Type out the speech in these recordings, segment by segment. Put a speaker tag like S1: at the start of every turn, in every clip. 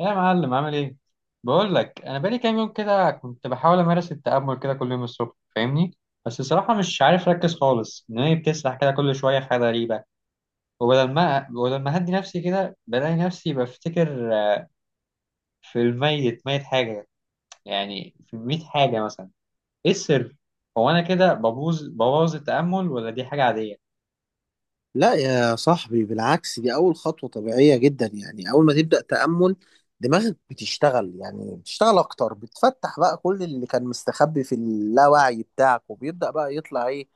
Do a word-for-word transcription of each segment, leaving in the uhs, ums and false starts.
S1: يا معلم، عامل ايه؟ بقول لك انا بقالي كام يوم كده كنت بحاول امارس التأمل كده كل يوم الصبح، فاهمني؟ بس الصراحة مش عارف اركز خالص، دماغي بتسرح كده كل شوية في حاجة غريبة. وبدل ما بدل ما اهدي نفسي كده بلاقي نفسي بفتكر آه، في الميت ميت حاجة، يعني في ميت حاجة مثلا. ايه السر؟ هو انا كده ببوظ ببوظ التأمل ولا دي حاجة عادية؟
S2: لا يا صاحبي، بالعكس دي أول خطوة طبيعية جدا. يعني أول ما تبدأ تأمل دماغك بتشتغل، يعني بتشتغل أكتر، بتفتح بقى كل اللي كان مستخبي في اللاوعي بتاعك وبيبدأ بقى يطلع إيه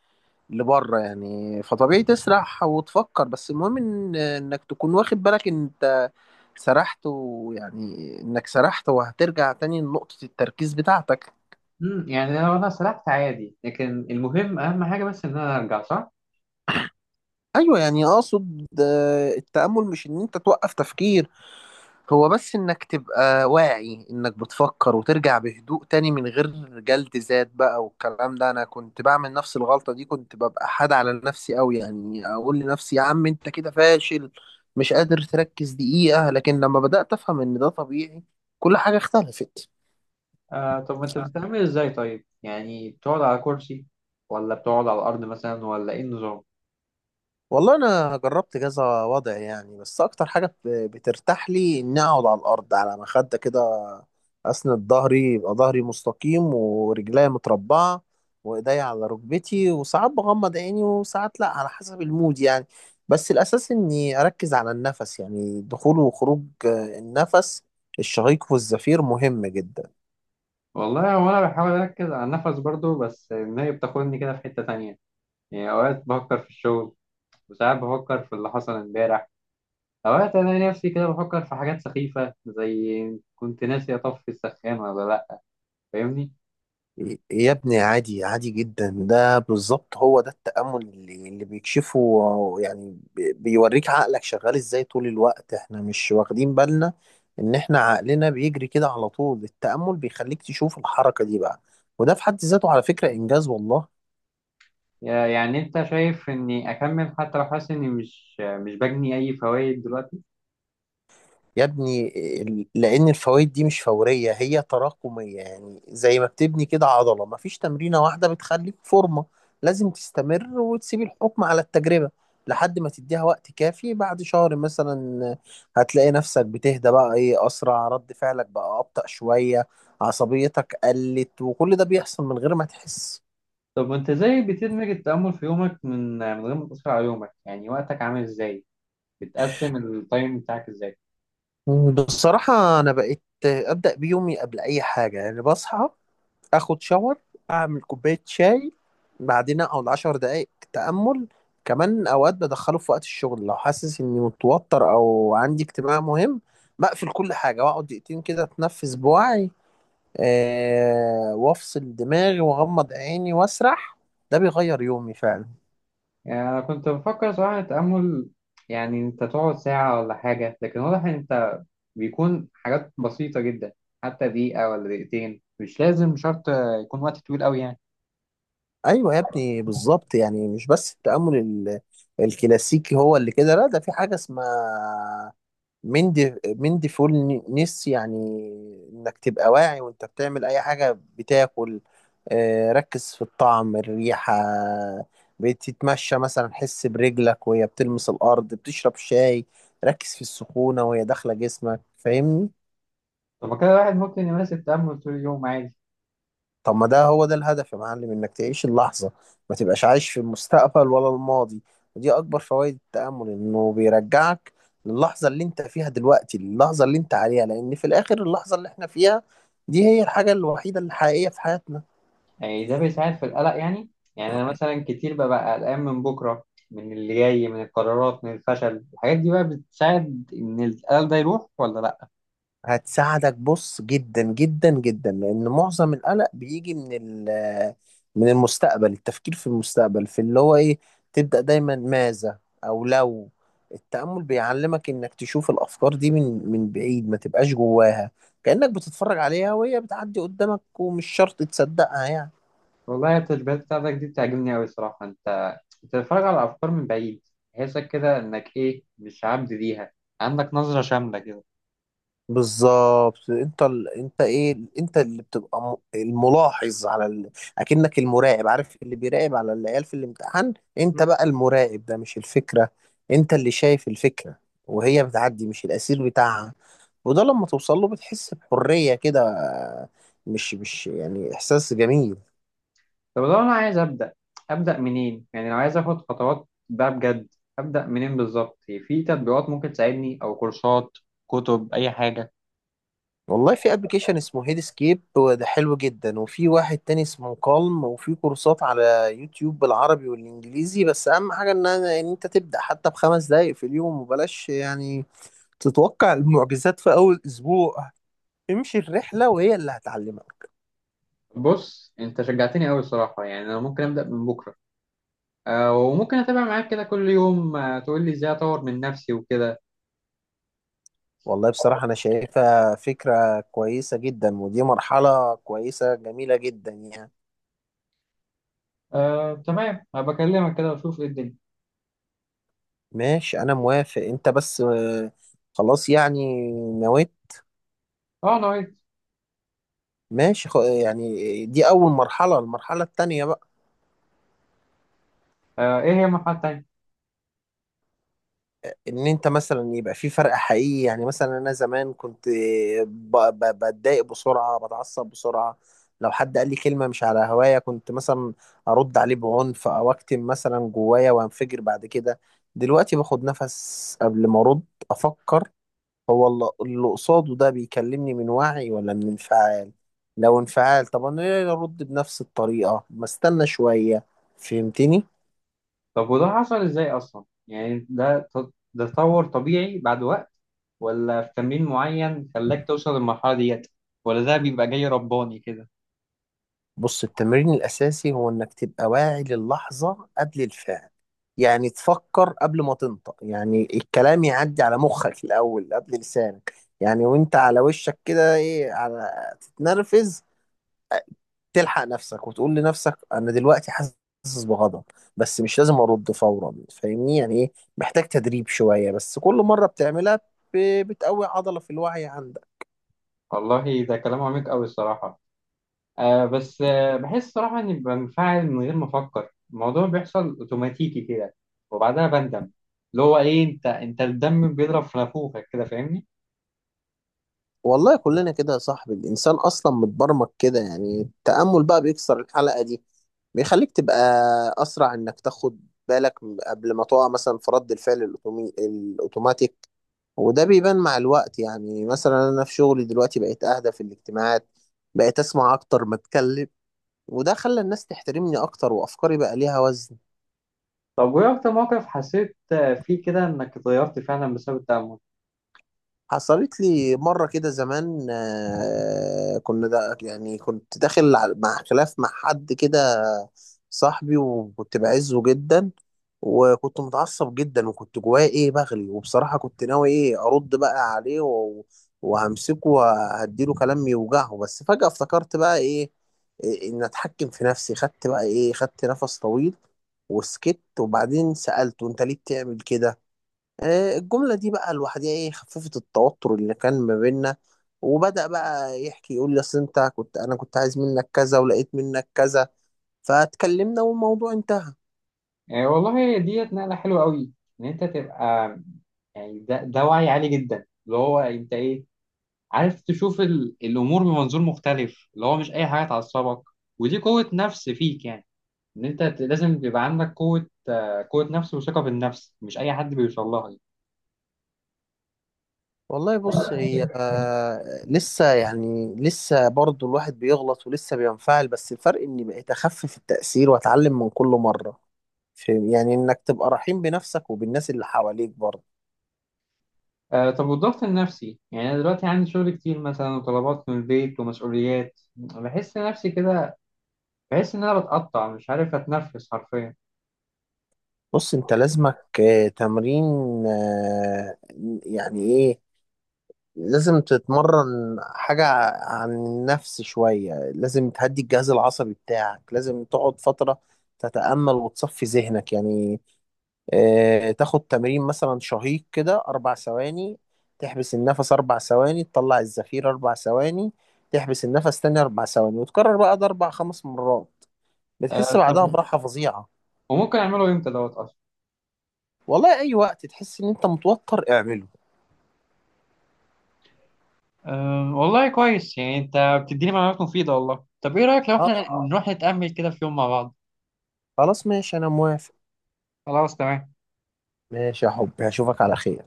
S2: لبره. يعني فطبيعي تسرح وتفكر، بس المهم إن إنك تكون واخد بالك إن أنت سرحت، ويعني إنك سرحت وهترجع تاني لنقطة التركيز بتاعتك.
S1: امم يعني لو انا سرحت عادي، لكن المهم، اهم حاجه بس ان انا ارجع صح.
S2: أيوه، يعني أقصد آه، التأمل مش إن أنت توقف تفكير. هو بس انك تبقى واعي انك بتفكر وترجع بهدوء تاني من غير جلد ذات بقى والكلام ده. انا كنت بعمل نفس الغلطة دي، كنت ببقى حاد على نفسي قوي. يعني اقول لنفسي يا عم انت كده فاشل، مش قادر تركز دقيقة. لكن لما بدأت افهم ان ده طبيعي كل حاجة اختلفت.
S1: آه طب، انت بتتعامل ازاي؟ طيب يعني بتقعد على كرسي ولا بتقعد على الارض مثلا، ولا ايه النظام؟
S2: والله انا جربت كذا وضع يعني، بس اكتر حاجه بت- بترتاح لي اني اقعد على الارض على مخده كده، اسند ظهري، يبقى ظهري مستقيم ورجليا متربعه وايديا على ركبتي. وساعات بغمض عيني وساعات لا، على حسب المود يعني. بس الاساس اني اركز على النفس، يعني دخول وخروج آه، النفس، الشهيق والزفير مهم جدا.
S1: والله هو انا بحاول اركز على النفس برضو، بس النهاية بتاخدني كده في حتة تانية. يعني اوقات بفكر في الشغل، وساعات بفكر في اللي حصل امبارح. اوقات انا نفسي كده بفكر في حاجات سخيفة زي كنت ناسي اطفي السخان ولا لا. فاهمني؟
S2: يا ابني عادي، عادي جدا. ده بالظبط هو ده التأمل اللي, اللي بيكشفه. يعني بي- بيوريك عقلك شغال ازاي طول الوقت. احنا مش واخدين بالنا ان احنا عقلنا بيجري كده على طول. التأمل بيخليك تشوف الحركة دي بقى، وده في حد ذاته على فكرة إنجاز والله.
S1: يا- يعني انت شايف اني اكمل حتى لو حاسس اني مش مش بجني اي فوائد دلوقتي؟
S2: يا ابني، ال- لان الفوائد دي مش فوريه، هي تراكميه. يعني زي ما بتبني كده عضله، مفيش تمرينه واحده بتخليك فورمه. لازم تستمر وتسيب الحكم على التجربه لحد ما تديها وقت كافي. بعد شهر مثلا هتلاقي نفسك بتهدى بقى، ايه، اسرع، رد فعلك بقى ابطأ شويه، عصبيتك قلت. وكل ده بيحصل من غير ما تحس.
S1: طب وانت ازاي بتدمج التأمل في يومك من من غير ما تأثر على يومك؟ يعني وقتك عامل ازاي؟ بتقسم التايم بتاعك ازاي؟
S2: بصراحه انا بقيت ابدأ بيومي قبل اي حاجه. يعني بصحى، اخد شاور، اعمل كوبايه شاي، بعدين اقعد عشر دقايق تامل. كمان اوقات بدخله في وقت الشغل، لو حاسس اني متوتر او عندي اجتماع مهم بقفل كل حاجه واقعد دقيقتين كده اتنفس بوعي، آه وافصل دماغي واغمض عيني واسرح. ده بيغير يومي فعلا.
S1: يعني انا كنت بفكر صراحة التأمل يعني انت تقعد ساعة ولا حاجة، لكن واضح ان انت بيكون حاجات بسيطة جدا، حتى دقيقة ولا دقيقتين، مش لازم شرط يكون وقت طويل قوي يعني.
S2: ايوه يا ابني بالظبط. يعني مش بس التامل ال- الكلاسيكي هو اللي كده، لا ده في حاجه اسمها من دي من ديفول نس يعني، انك تبقى واعي وانت بتعمل اي حاجة. بتاكل، آه، ركز في الطعم، الريحة. بتتمشى مثلا حس برجلك وهي بتلمس الارض. بتشرب شاي ركز في السخونة وهي داخلة جسمك. فاهمني؟
S1: طب ما كده الواحد ممكن يمارس التأمل طول اليوم عادي؟
S2: طب ما ده هو ده الهدف يا معلم، انك تعيش اللحظة، ما تبقاش عايش في المستقبل ولا الماضي. ودي اكبر فوائد التأمل، انه بيرجعك للحظة اللي انت فيها دلوقتي، اللحظة اللي انت عليها، لان في الاخر اللحظة اللي احنا فيها دي هي الحاجة الوحيدة الحقيقية في حياتنا.
S1: يعني ده بيساعد في القلق يعني؟ يعني انا مثلا كتير ببقى قلقان من بكره، من اللي جاي، من القرارات، من الفشل. الحاجات دي بقى بتساعد ان القلق ده يروح ولا لا؟
S2: هتساعدك بص، جدا جدا جدا، لان معظم القلق بيجي من ال- من المستقبل، التفكير في المستقبل، في اللي هو ايه، تبدأ دايما ماذا او لو. التأمل بيعلمك انك تشوف الافكار دي من من بعيد، ما تبقاش جواها. كأنك بتتفرج عليها وهي بتعدي قدامك ومش شرط تصدقها يعني.
S1: والله التشبيهات بتاعتك دي بتعجبني قوي الصراحه. انت بتتفرج على الافكار من بعيد، تحسك كده انك ايه، مش عبد ليها. عندك نظره شامله كده.
S2: بالظبط. انت ال... انت ايه، انت اللي بتبقى م- الملاحظ على ال... اكنك المراقب. عارف اللي بيراقب على العيال في الامتحان؟ انت
S1: مم.
S2: بقى المراقب ده، مش الفكرة. انت اللي شايف الفكرة وهي بتعدي، مش الاسير بتاعها. وده لما توصل له بتحس بحرية كده. مش مش يعني احساس جميل.
S1: طب لو انا عايز ابدا، ابدا منين؟ يعني لو عايز اخد خطوات بقى بجد، ابدا منين بالظبط؟ في تطبيقات ممكن تساعدني او كورسات، كتب، اي حاجه؟
S2: والله في ابلكيشن اسمه هيد سكيب وده حلو جدا، وفي واحد تاني اسمه كالم، وفي كورسات على يوتيوب بالعربي والانجليزي. بس اهم حاجه ان أنا ان انت تبدا حتى بخمس دقايق في اليوم، وبلاش يعني تتوقع المعجزات في اول اسبوع. امشي الرحله وهي اللي هتعلمك.
S1: بص انت شجعتني قوي الصراحه، يعني انا ممكن ابدا من بكره. آه، وممكن اتابع معاك كده كل يوم، آه، تقول لي ازاي اطور من نفسي وكده.
S2: والله بصراحه انا شايفها فكره كويسه جدا، ودي مرحله كويسه جميله جدا يعني.
S1: آه، تمام، هبقى اكلمك كده واشوف ايه الدنيا.
S2: ماشي انا موافق، انت بس آه، خلاص يعني نويت.
S1: اه، انا وإنت.
S2: ماشي خ- يعني دي أول مرحلة. المرحلة التانية بقى
S1: آه، ايه هي المرحله التانيه؟
S2: إن أنت مثلا يبقى في فرق حقيقي. يعني مثلا أنا زمان كنت ب- ب- بتضايق بسرعة، بتعصب بسرعة. لو حد قال لي كلمة مش على هواية كنت مثلا أرد عليه بعنف، أو أكتم مثلا جوايا وأنفجر بعد كده. دلوقتي باخد نفس قبل ما أرد، أفكر، هو الل- اللي قصاده ده بيكلمني من وعي ولا من انفعال. لو انفعال طب أنا ليه أرد بنفس الطريقة؟ ما استنى شوية. فهمتني؟
S1: طب وده حصل ازاي اصلا؟ يعني ده ت- ده تطور طبيعي بعد وقت، ولا في تمرين معين خلاك توصل للمرحله ديت، ولا ده بيبقى جاي رباني كده؟
S2: بص التمرين الأساسي هو إنك تبقى واعي للحظة قبل الفعل. يعني تفكر قبل ما تنطق، يعني الكلام يعدي على مخك الأول قبل لسانك. يعني وأنت على وشك كده إيه، على تتنرفز، تلحق نفسك وتقول لنفسك أنا دلوقتي حاسس بغضب بس مش لازم أرد فورا. فاهمني؟ يعني إيه، محتاج تدريب شوية بس كل مرة بتعملها ب- بتقوي عضلة في الوعي عندك.
S1: والله ده كلام عميق قوي الصراحه. آه بس آه بحس صراحة إني بنفعل من غير ما أفكر، الموضوع بيحصل أوتوماتيكي كده وبعدها بندم. اللي هو إيه، أنت أنت الدم بيضرب في نافوخك كده، فاهمني؟
S2: والله كلنا كده يا صاحبي، الإنسان أصلا متبرمج كده. يعني التأمل بقى بيكسر الحلقة دي، بيخليك تبقى أسرع إنك تاخد بالك قبل ما تقع مثلا في رد الفعل الأوتومي... الأوتوماتيك. وده بيبان مع الوقت. يعني مثلا أنا في شغلي دلوقتي بقيت أهدى في الاجتماعات، بقيت أسمع أكتر ما أتكلم. وده خلى الناس تحترمني أكتر، وأفكاري بقى ليها وزن.
S1: طب وإيه أكتر موقف حسيت آه، فيه كده إنك اتغيرت فعلا بسبب التأمل؟
S2: حصلت لي مرة كده زمان، آه، كنا دا يعني كنت داخل على- مع خلاف مع حد كده صاحبي وكنت بعزه جدا. وكنت متعصب جدا وكنت جوايا ايه بغلي. وبصراحة كنت ناوي ايه ارد بقى عليه و- وهمسكه وهديله كلام يوجعه. بس فجأة افتكرت بقى ايه، إيه، ان اتحكم في نفسي. خدت بقى ايه، خدت نفس طويل وسكت. وبعدين سألته انت ليه بتعمل كده. آه، الجملة دي بقى لوحدها ايه خففت التوتر اللي كان ما بيننا. وبدأ بقى يحكي يقول لي اصل انت كنت، انا كنت عايز منك كذا ولقيت منك كذا. فاتكلمنا والموضوع انتهى.
S1: يعني والله ديت نقلة حلوة أوي. إن أنت تبقى، يعني ده, ده وعي عالي جدا، اللي هو أنت إيه، عارف تشوف ال... الأمور بمنظور مختلف، اللي هو مش أي حاجة تعصبك. ودي قوة نفس فيك يعني. إن أنت ت- لازم يبقى عندك قوة، قوة نفس وثقة في النفس، مش أي حد بيوصل لها دي.
S2: والله بص هي آه، لسه يعني، لسه برضو الواحد بيغلط ولسه بينفعل. بس الفرق اني بقيت اخفف التأثير واتعلم من كل مرة. فاهم؟ يعني انك تبقى رحيم بنفسك وبالناس اللي حواليك برضو.
S1: آه طب، والضغط النفسي؟ يعني أنا دلوقتي عندي شغل كتير مثلا، وطلبات من البيت ومسؤوليات، بحس نفسي كده، بحس إن أنا بتقطع، مش عارف أتنفس حرفيا.
S2: بص انت لازمك آه، تمرين. آه، يعني ايه، لازم تتمرن حاجة عن النفس شوية. لازم تهدي الجهاز العصبي بتاعك. لازم تقعد فترة تتأمل وتصفي ذهنك يعني. آه، تاخد تمرين مثلا شهيق كده أربع ثواني، تحبس النفس أربع ثواني، تطلع الزفير أربع ثواني، تحبس النفس تاني أربع ثواني. وتكرر بقى ده أربع خمس مرات بتحس
S1: آه
S2: بعدها
S1: طب،
S2: براحة فظيعة.
S1: وممكن أعمله إمتى دوت أصلا؟
S2: والله أي وقت تحس إن أنت متوتر اعمله.
S1: أه والله كويس، يعني أنت بتديني معلومات مفيدة والله. طب إيه رأيك لو
S2: أه
S1: إحنا نروح نتأمل كده في يوم مع بعض؟
S2: خلاص ماشي أنا موافق.
S1: خلاص، تمام.
S2: ماشي يا حبي هشوفك على خير.